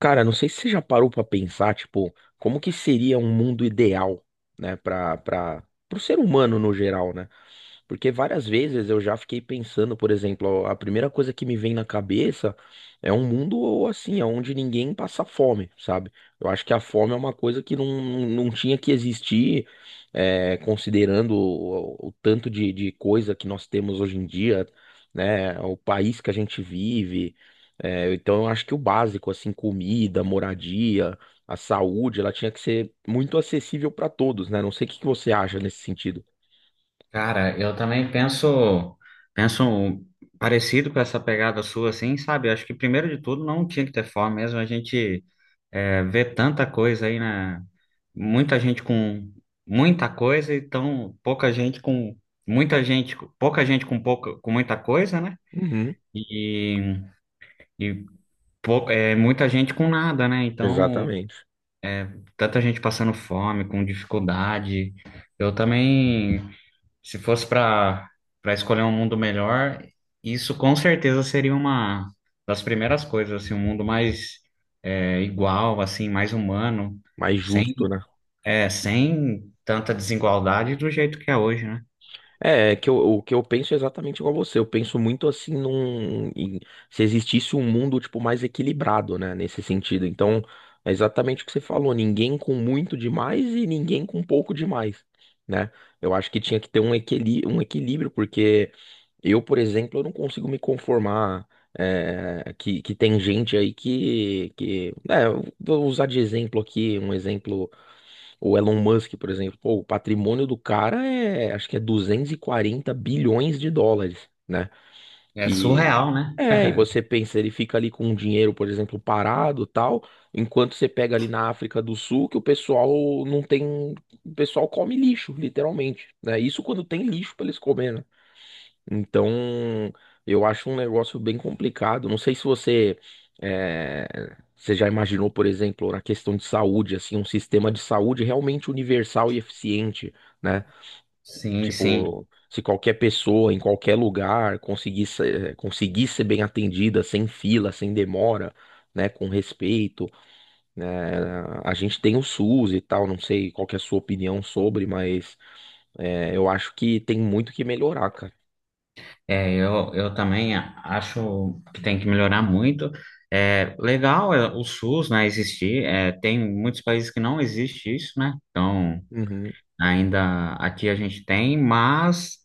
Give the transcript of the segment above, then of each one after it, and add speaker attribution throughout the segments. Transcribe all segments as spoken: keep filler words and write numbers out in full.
Speaker 1: Cara, não sei se você já parou pra pensar, tipo, como que seria um mundo ideal, né, para para pro ser humano no geral, né? Porque várias vezes eu já fiquei pensando, por exemplo, ó, a primeira coisa que me vem na cabeça é um mundo assim, onde ninguém passa fome, sabe? Eu acho que a fome é uma coisa que não, não tinha que existir, é, considerando o, o tanto de, de coisa que nós temos hoje em dia, né? O país que a gente vive. É, então eu acho que o básico, assim, comida, moradia, a saúde, ela tinha que ser muito acessível para todos, né? Não sei o que que você acha nesse sentido.
Speaker 2: Cara, eu também penso, penso um parecido com essa pegada sua, assim, sabe? Acho que primeiro de tudo não tinha que ter fome mesmo. A gente é, vê tanta coisa aí, né? Muita gente com muita coisa e tão pouca gente com muita gente, pouca gente com pouca, com muita coisa, né?
Speaker 1: Uhum.
Speaker 2: E, e pou- é, Muita gente com nada, né? Então,
Speaker 1: Exatamente.
Speaker 2: tanta gente passando fome, com dificuldade. Eu também. Se fosse para para escolher um mundo melhor, isso com certeza seria uma das primeiras coisas, assim, um mundo mais é, igual, assim, mais humano,
Speaker 1: Mais
Speaker 2: sem
Speaker 1: justo, né?
Speaker 2: é, sem tanta desigualdade do jeito que é hoje, né?
Speaker 1: É, é que eu, o que eu penso é exatamente igual você. Eu penso muito assim num, em- Se existisse um mundo tipo mais equilibrado, né, nesse sentido. Então, é exatamente o que você falou, ninguém com muito demais e ninguém com pouco demais, né? Eu acho que tinha que ter um equili um equilíbrio, porque eu, por exemplo, eu não consigo me conformar é, que, que tem gente aí que, que é, eu vou usar de exemplo aqui, um exemplo. O Elon Musk, por exemplo, pô, o patrimônio do cara é, acho que é duzentos e quarenta bilhões de dólares, né?
Speaker 2: É
Speaker 1: E
Speaker 2: surreal, né?
Speaker 1: é, e você pensa, ele fica ali com o dinheiro, por exemplo, parado, tal, enquanto você pega ali na África do Sul, que o pessoal não tem, o pessoal come lixo, literalmente, né? Isso quando tem lixo para eles comerem, né? Então, eu acho um negócio bem complicado. Não sei se você, eh, você já imaginou, por exemplo, na questão de saúde, assim, um sistema de saúde realmente universal e eficiente, né?
Speaker 2: Sim, sim.
Speaker 1: Tipo, se qualquer pessoa, em qualquer lugar, conseguisse, eh, conseguir ser bem atendida, sem fila, sem demora, né? Com respeito, né? A gente tem o SUS e tal, não sei qual que é a sua opinião sobre, mas eh, eu acho que tem muito que melhorar, cara.
Speaker 2: É, eu, eu também acho que tem que melhorar muito. É, legal é, o SUS, né, existir. É, tem muitos países que não existe isso, né? Então,
Speaker 1: Uhum,
Speaker 2: ainda aqui a gente tem, mas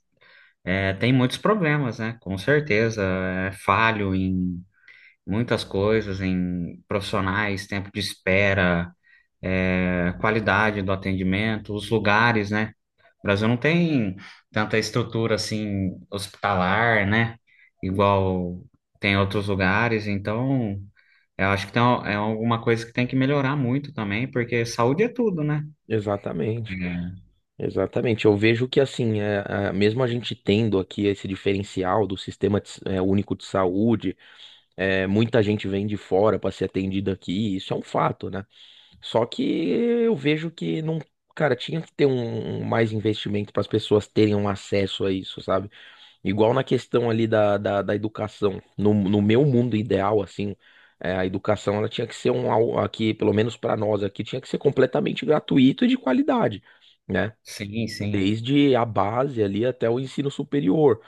Speaker 2: é, tem muitos problemas, né? Com certeza. É falho em muitas coisas, em profissionais, tempo de espera, é, qualidade do atendimento, os lugares, né? O Brasil não tem tanta estrutura assim hospitalar, né? Igual tem outros lugares. Então, eu acho que tem, é alguma coisa que tem que melhorar muito também, porque saúde é tudo, né?
Speaker 1: exatamente.
Speaker 2: É.
Speaker 1: Exatamente, eu vejo que assim, é, a- mesmo a gente tendo aqui esse diferencial do sistema de s- é, único de saúde, é, muita gente vem de fora para ser atendida aqui, isso é um fato, né? Só que eu vejo que não, cara, tinha que ter um, um mais investimento para as pessoas terem um acesso a isso, sabe? Igual na questão ali da, da, da educação, no, no meu mundo ideal, assim, é, a educação ela tinha que ser um, al- aqui, pelo menos para nós aqui, tinha que ser completamente gratuito e de qualidade, né?
Speaker 2: Sim, sim.
Speaker 1: Desde a base ali até o ensino superior,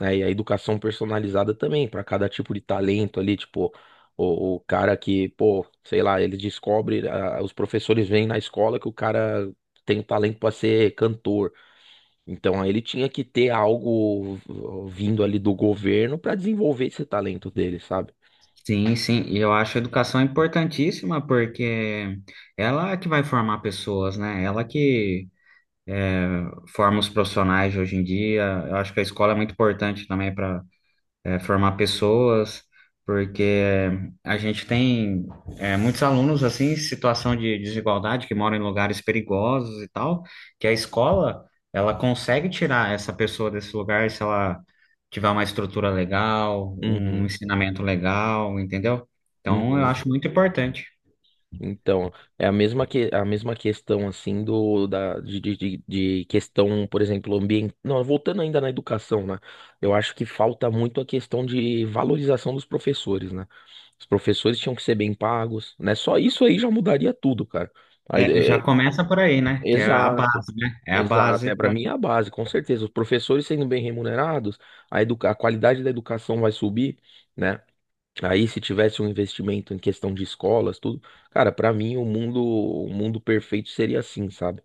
Speaker 1: né? E a educação personalizada também, para cada tipo de talento ali, tipo, o, o cara que, pô, sei lá, ele descobre, ah, os professores veem na escola que o cara tem um talento para ser cantor. Então, aí ele tinha que ter algo vindo ali do governo para desenvolver esse talento dele, sabe?
Speaker 2: Sim, sim, e eu acho a educação importantíssima porque ela é que vai formar pessoas, né? Ela que forma os profissionais de hoje em dia. Eu acho que a escola é muito importante também é, formar pessoas, porque a gente tem é, muitos alunos assim, em situação de desigualdade, que moram em lugares perigosos e tal, que a escola, ela consegue tirar essa pessoa desse lugar se ela tiver uma estrutura legal, um
Speaker 1: Uhum.
Speaker 2: ensinamento legal, entendeu? Então, eu
Speaker 1: Uhum.
Speaker 2: acho muito importante.
Speaker 1: Então, é a mesma, que, a mesma questão, assim, do, da, de, de, de- de questão, por exemplo, ambiente. Não, voltando ainda na educação, né? Eu acho que falta muito a questão de valorização dos professores, né? Os professores tinham que ser bem pagos, né? Só isso aí já mudaria tudo, cara. Aí,
Speaker 2: É,
Speaker 1: é,
Speaker 2: já
Speaker 1: é,
Speaker 2: começa por aí, né? Que é a
Speaker 1: exato,
Speaker 2: base, né? É a
Speaker 1: exato.
Speaker 2: base
Speaker 1: É, para
Speaker 2: para
Speaker 1: mim é a base, com certeza. Os professores sendo bem remunerados, a, educa a qualidade da educação vai subir, né? Aí, se tivesse um investimento em questão de escolas, tudo, cara, pra mim o mundo, o mundo perfeito seria assim, sabe?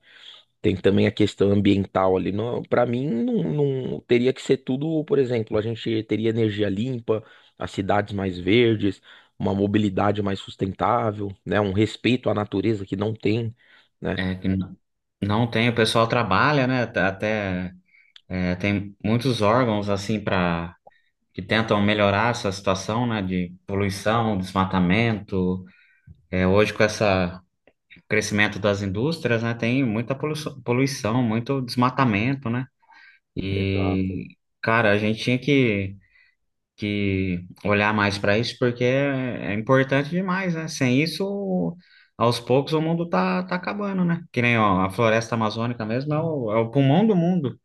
Speaker 1: Tem também a questão ambiental ali. Não, para mim, não, não- teria que ser tudo, por exemplo, a gente teria energia limpa, as cidades mais verdes, uma mobilidade mais sustentável, né? Um respeito à natureza que não tem, né?
Speaker 2: é, que não não tem, o pessoal trabalha, né? Tá- Até é, tem muitos órgãos assim para que tentam melhorar essa situação, né, de poluição, desmatamento. É, hoje com essa crescimento das indústrias, né, tem muita poluição, poluição, muito desmatamento, né?
Speaker 1: Exato.
Speaker 2: E cara, a gente tinha que que olhar mais para isso porque é, é importante demais, né? Sem isso, aos poucos o mundo tá tá acabando, né? Que nem ó, a floresta amazônica mesmo é o, é o pulmão do mundo.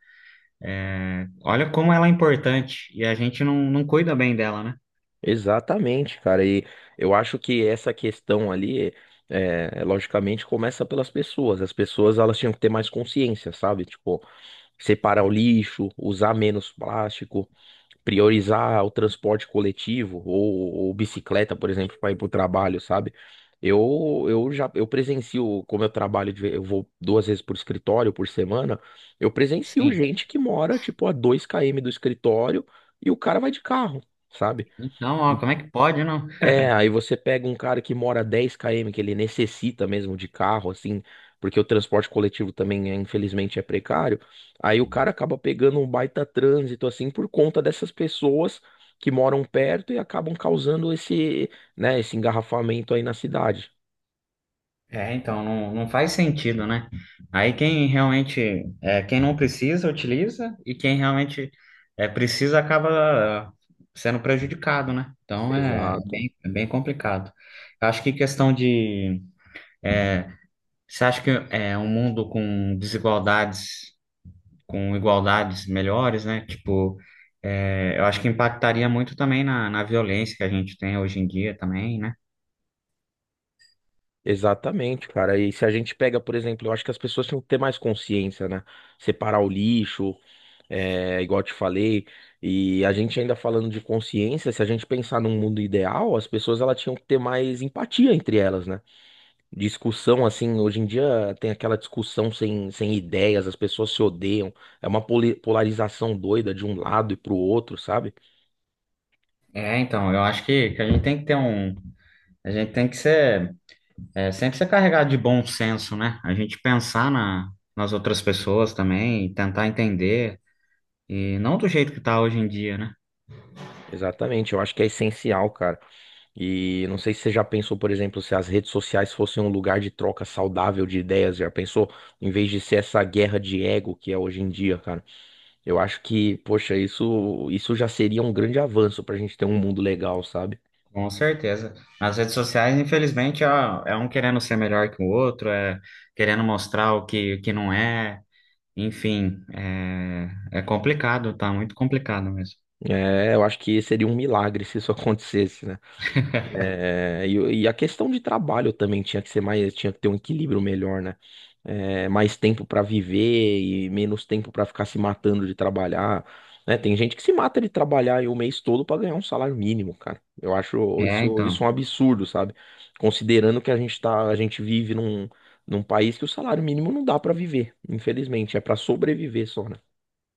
Speaker 2: Olha como ela é importante e a gente não, não cuida bem dela, né?
Speaker 1: Exatamente, cara. E eu acho que essa questão ali, é, é, logicamente, começa pelas pessoas. As pessoas elas tinham que ter mais consciência, sabe? Tipo, separar o lixo, usar menos plástico, priorizar o transporte coletivo ou, ou bicicleta, por exemplo, para ir para o trabalho, sabe? Eu, eu já eu presencio, como eu trabalho, de- eu vou duas vezes por escritório por semana, eu presencio
Speaker 2: Sim.
Speaker 1: gente que mora, tipo, a dois quilômetros do escritório e o cara vai de carro. Sabe,
Speaker 2: Então, ó, como é que pode, não?
Speaker 1: é, aí você pega um cara que mora dez quilômetros, que ele necessita mesmo de carro, assim, porque o transporte coletivo também, é, infelizmente, é precário. Aí o cara acaba pegando um baita trânsito, assim, por conta dessas pessoas que moram perto e acabam causando esse, né, esse engarrafamento aí na cidade.
Speaker 2: É, então, não, não faz sentido, né? Aí quem realmente, é, quem não precisa, utiliza e quem realmente é, precisa acaba sendo prejudicado, né? Então, é, é
Speaker 1: Exato.
Speaker 2: bem, é bem complicado. Eu acho que questão de... Você acha que é um mundo com desigualdades com igualdades melhores, né? Tipo, é, eu acho que impactaria muito também na, na violência que a gente tem hoje em dia também, né?
Speaker 1: Exatamente, cara. E se a gente pega, por exemplo, eu acho que as pessoas tinham que ter mais consciência, né? Separar o lixo, é, igual eu te falei, e a gente ainda falando de consciência, se a gente pensar num mundo ideal, as pessoas elas tinham que ter mais empatia entre elas, né? Discussão, assim, hoje em dia tem aquela discussão sem, sem ideias, as pessoas se odeiam, é uma poli- polarização doida de um lado e pro outro, sabe?
Speaker 2: É, então, eu acho que, que a gente tem que ter um. A gente tem que ser, é, sempre ser carregado de bom senso, né? A gente pensar na, nas outras pessoas também, e tentar entender, e não do jeito que tá hoje em dia, né?
Speaker 1: Exatamente, eu acho que é essencial, cara. E não sei se você já pensou, por exemplo, se as redes sociais fossem um lugar de troca saudável de ideias, já pensou? Em vez de ser essa guerra de ego que é hoje em dia, cara. Eu acho que, poxa, isso, isso já seria um grande avanço pra gente ter um mundo legal, sabe?
Speaker 2: Com certeza. Nas redes sociais, infelizmente, é, é um querendo ser melhor que o outro, é querendo mostrar o que, o que não é. Enfim, é, é complicado, tá muito complicado mesmo.
Speaker 1: É, eu acho que seria um milagre se isso acontecesse, né? É, e, e a questão de trabalho também tinha que ser mais, tinha que ter um equilíbrio melhor, né? É, mais tempo pra viver e menos tempo pra ficar se matando de trabalhar, né? Tem gente que se mata de trabalhar aí o mês todo pra ganhar um salário mínimo, cara. Eu acho
Speaker 2: É,
Speaker 1: isso, isso um
Speaker 2: então,
Speaker 1: absurdo, sabe? Considerando que a gente tá, a gente vive num, num país que o salário mínimo não dá pra viver, infelizmente, é pra sobreviver só, né?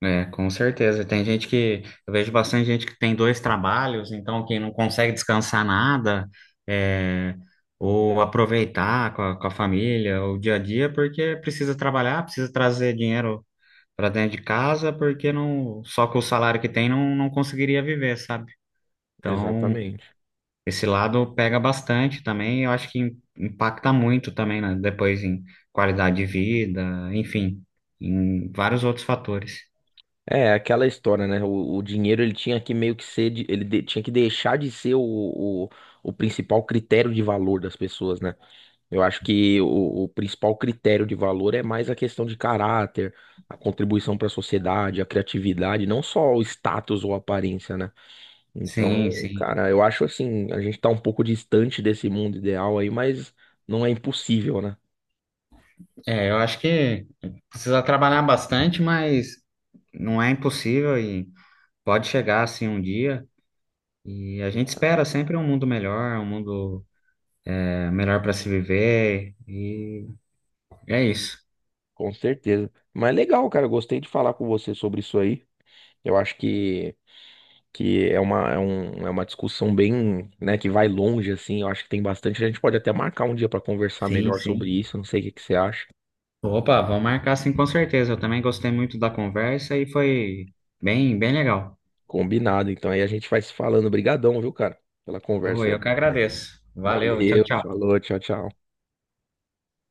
Speaker 2: é, com certeza. Tem gente que, eu vejo bastante gente que tem dois trabalhos, então que não consegue descansar nada, é, ou aproveitar com a, com a família, o dia a dia, porque precisa trabalhar, precisa trazer dinheiro para dentro de casa, porque não, só com o salário que tem não, não conseguiria viver, sabe? Então,
Speaker 1: Exatamente.
Speaker 2: esse lado pega bastante também, eu acho que im- impacta muito também, né? Depois em qualidade de vida, enfim, em vários outros fatores.
Speaker 1: É, aquela história, né? O, o dinheiro ele tinha que meio que ser, de- ele de- tinha que deixar de ser o, o, o principal critério de valor das pessoas, né? Eu acho que o, o principal critério de valor é mais a questão de caráter, a contribuição para a sociedade, a criatividade, não só o status ou aparência, né? Então,
Speaker 2: Sim, sim.
Speaker 1: cara, eu acho assim, a gente tá um pouco distante desse mundo ideal aí, mas não é impossível, né?
Speaker 2: É, eu acho que precisa trabalhar bastante, mas não é impossível e pode chegar assim um dia. E a gente espera sempre um mundo melhor, um mundo é, melhor para se viver. E é isso.
Speaker 1: Com certeza. Mas legal, cara, eu gostei de falar com você sobre isso aí. Eu acho que que é uma, é um, é uma discussão bem, né, que vai longe, assim, eu acho que tem bastante, a gente pode até marcar um dia para conversar
Speaker 2: Sim,
Speaker 1: melhor sobre
Speaker 2: sim.
Speaker 1: isso, não sei o que que você acha.
Speaker 2: Opa, vamos marcar sim, com certeza. Eu também gostei muito da conversa e foi bem, bem legal.
Speaker 1: Combinado, então aí a gente vai se falando. Obrigadão, viu, cara, pela conversa
Speaker 2: Oi, eu
Speaker 1: aí.
Speaker 2: que agradeço. Valeu, tchau,
Speaker 1: Valeu,
Speaker 2: tchau.
Speaker 1: falou, tchau, tchau.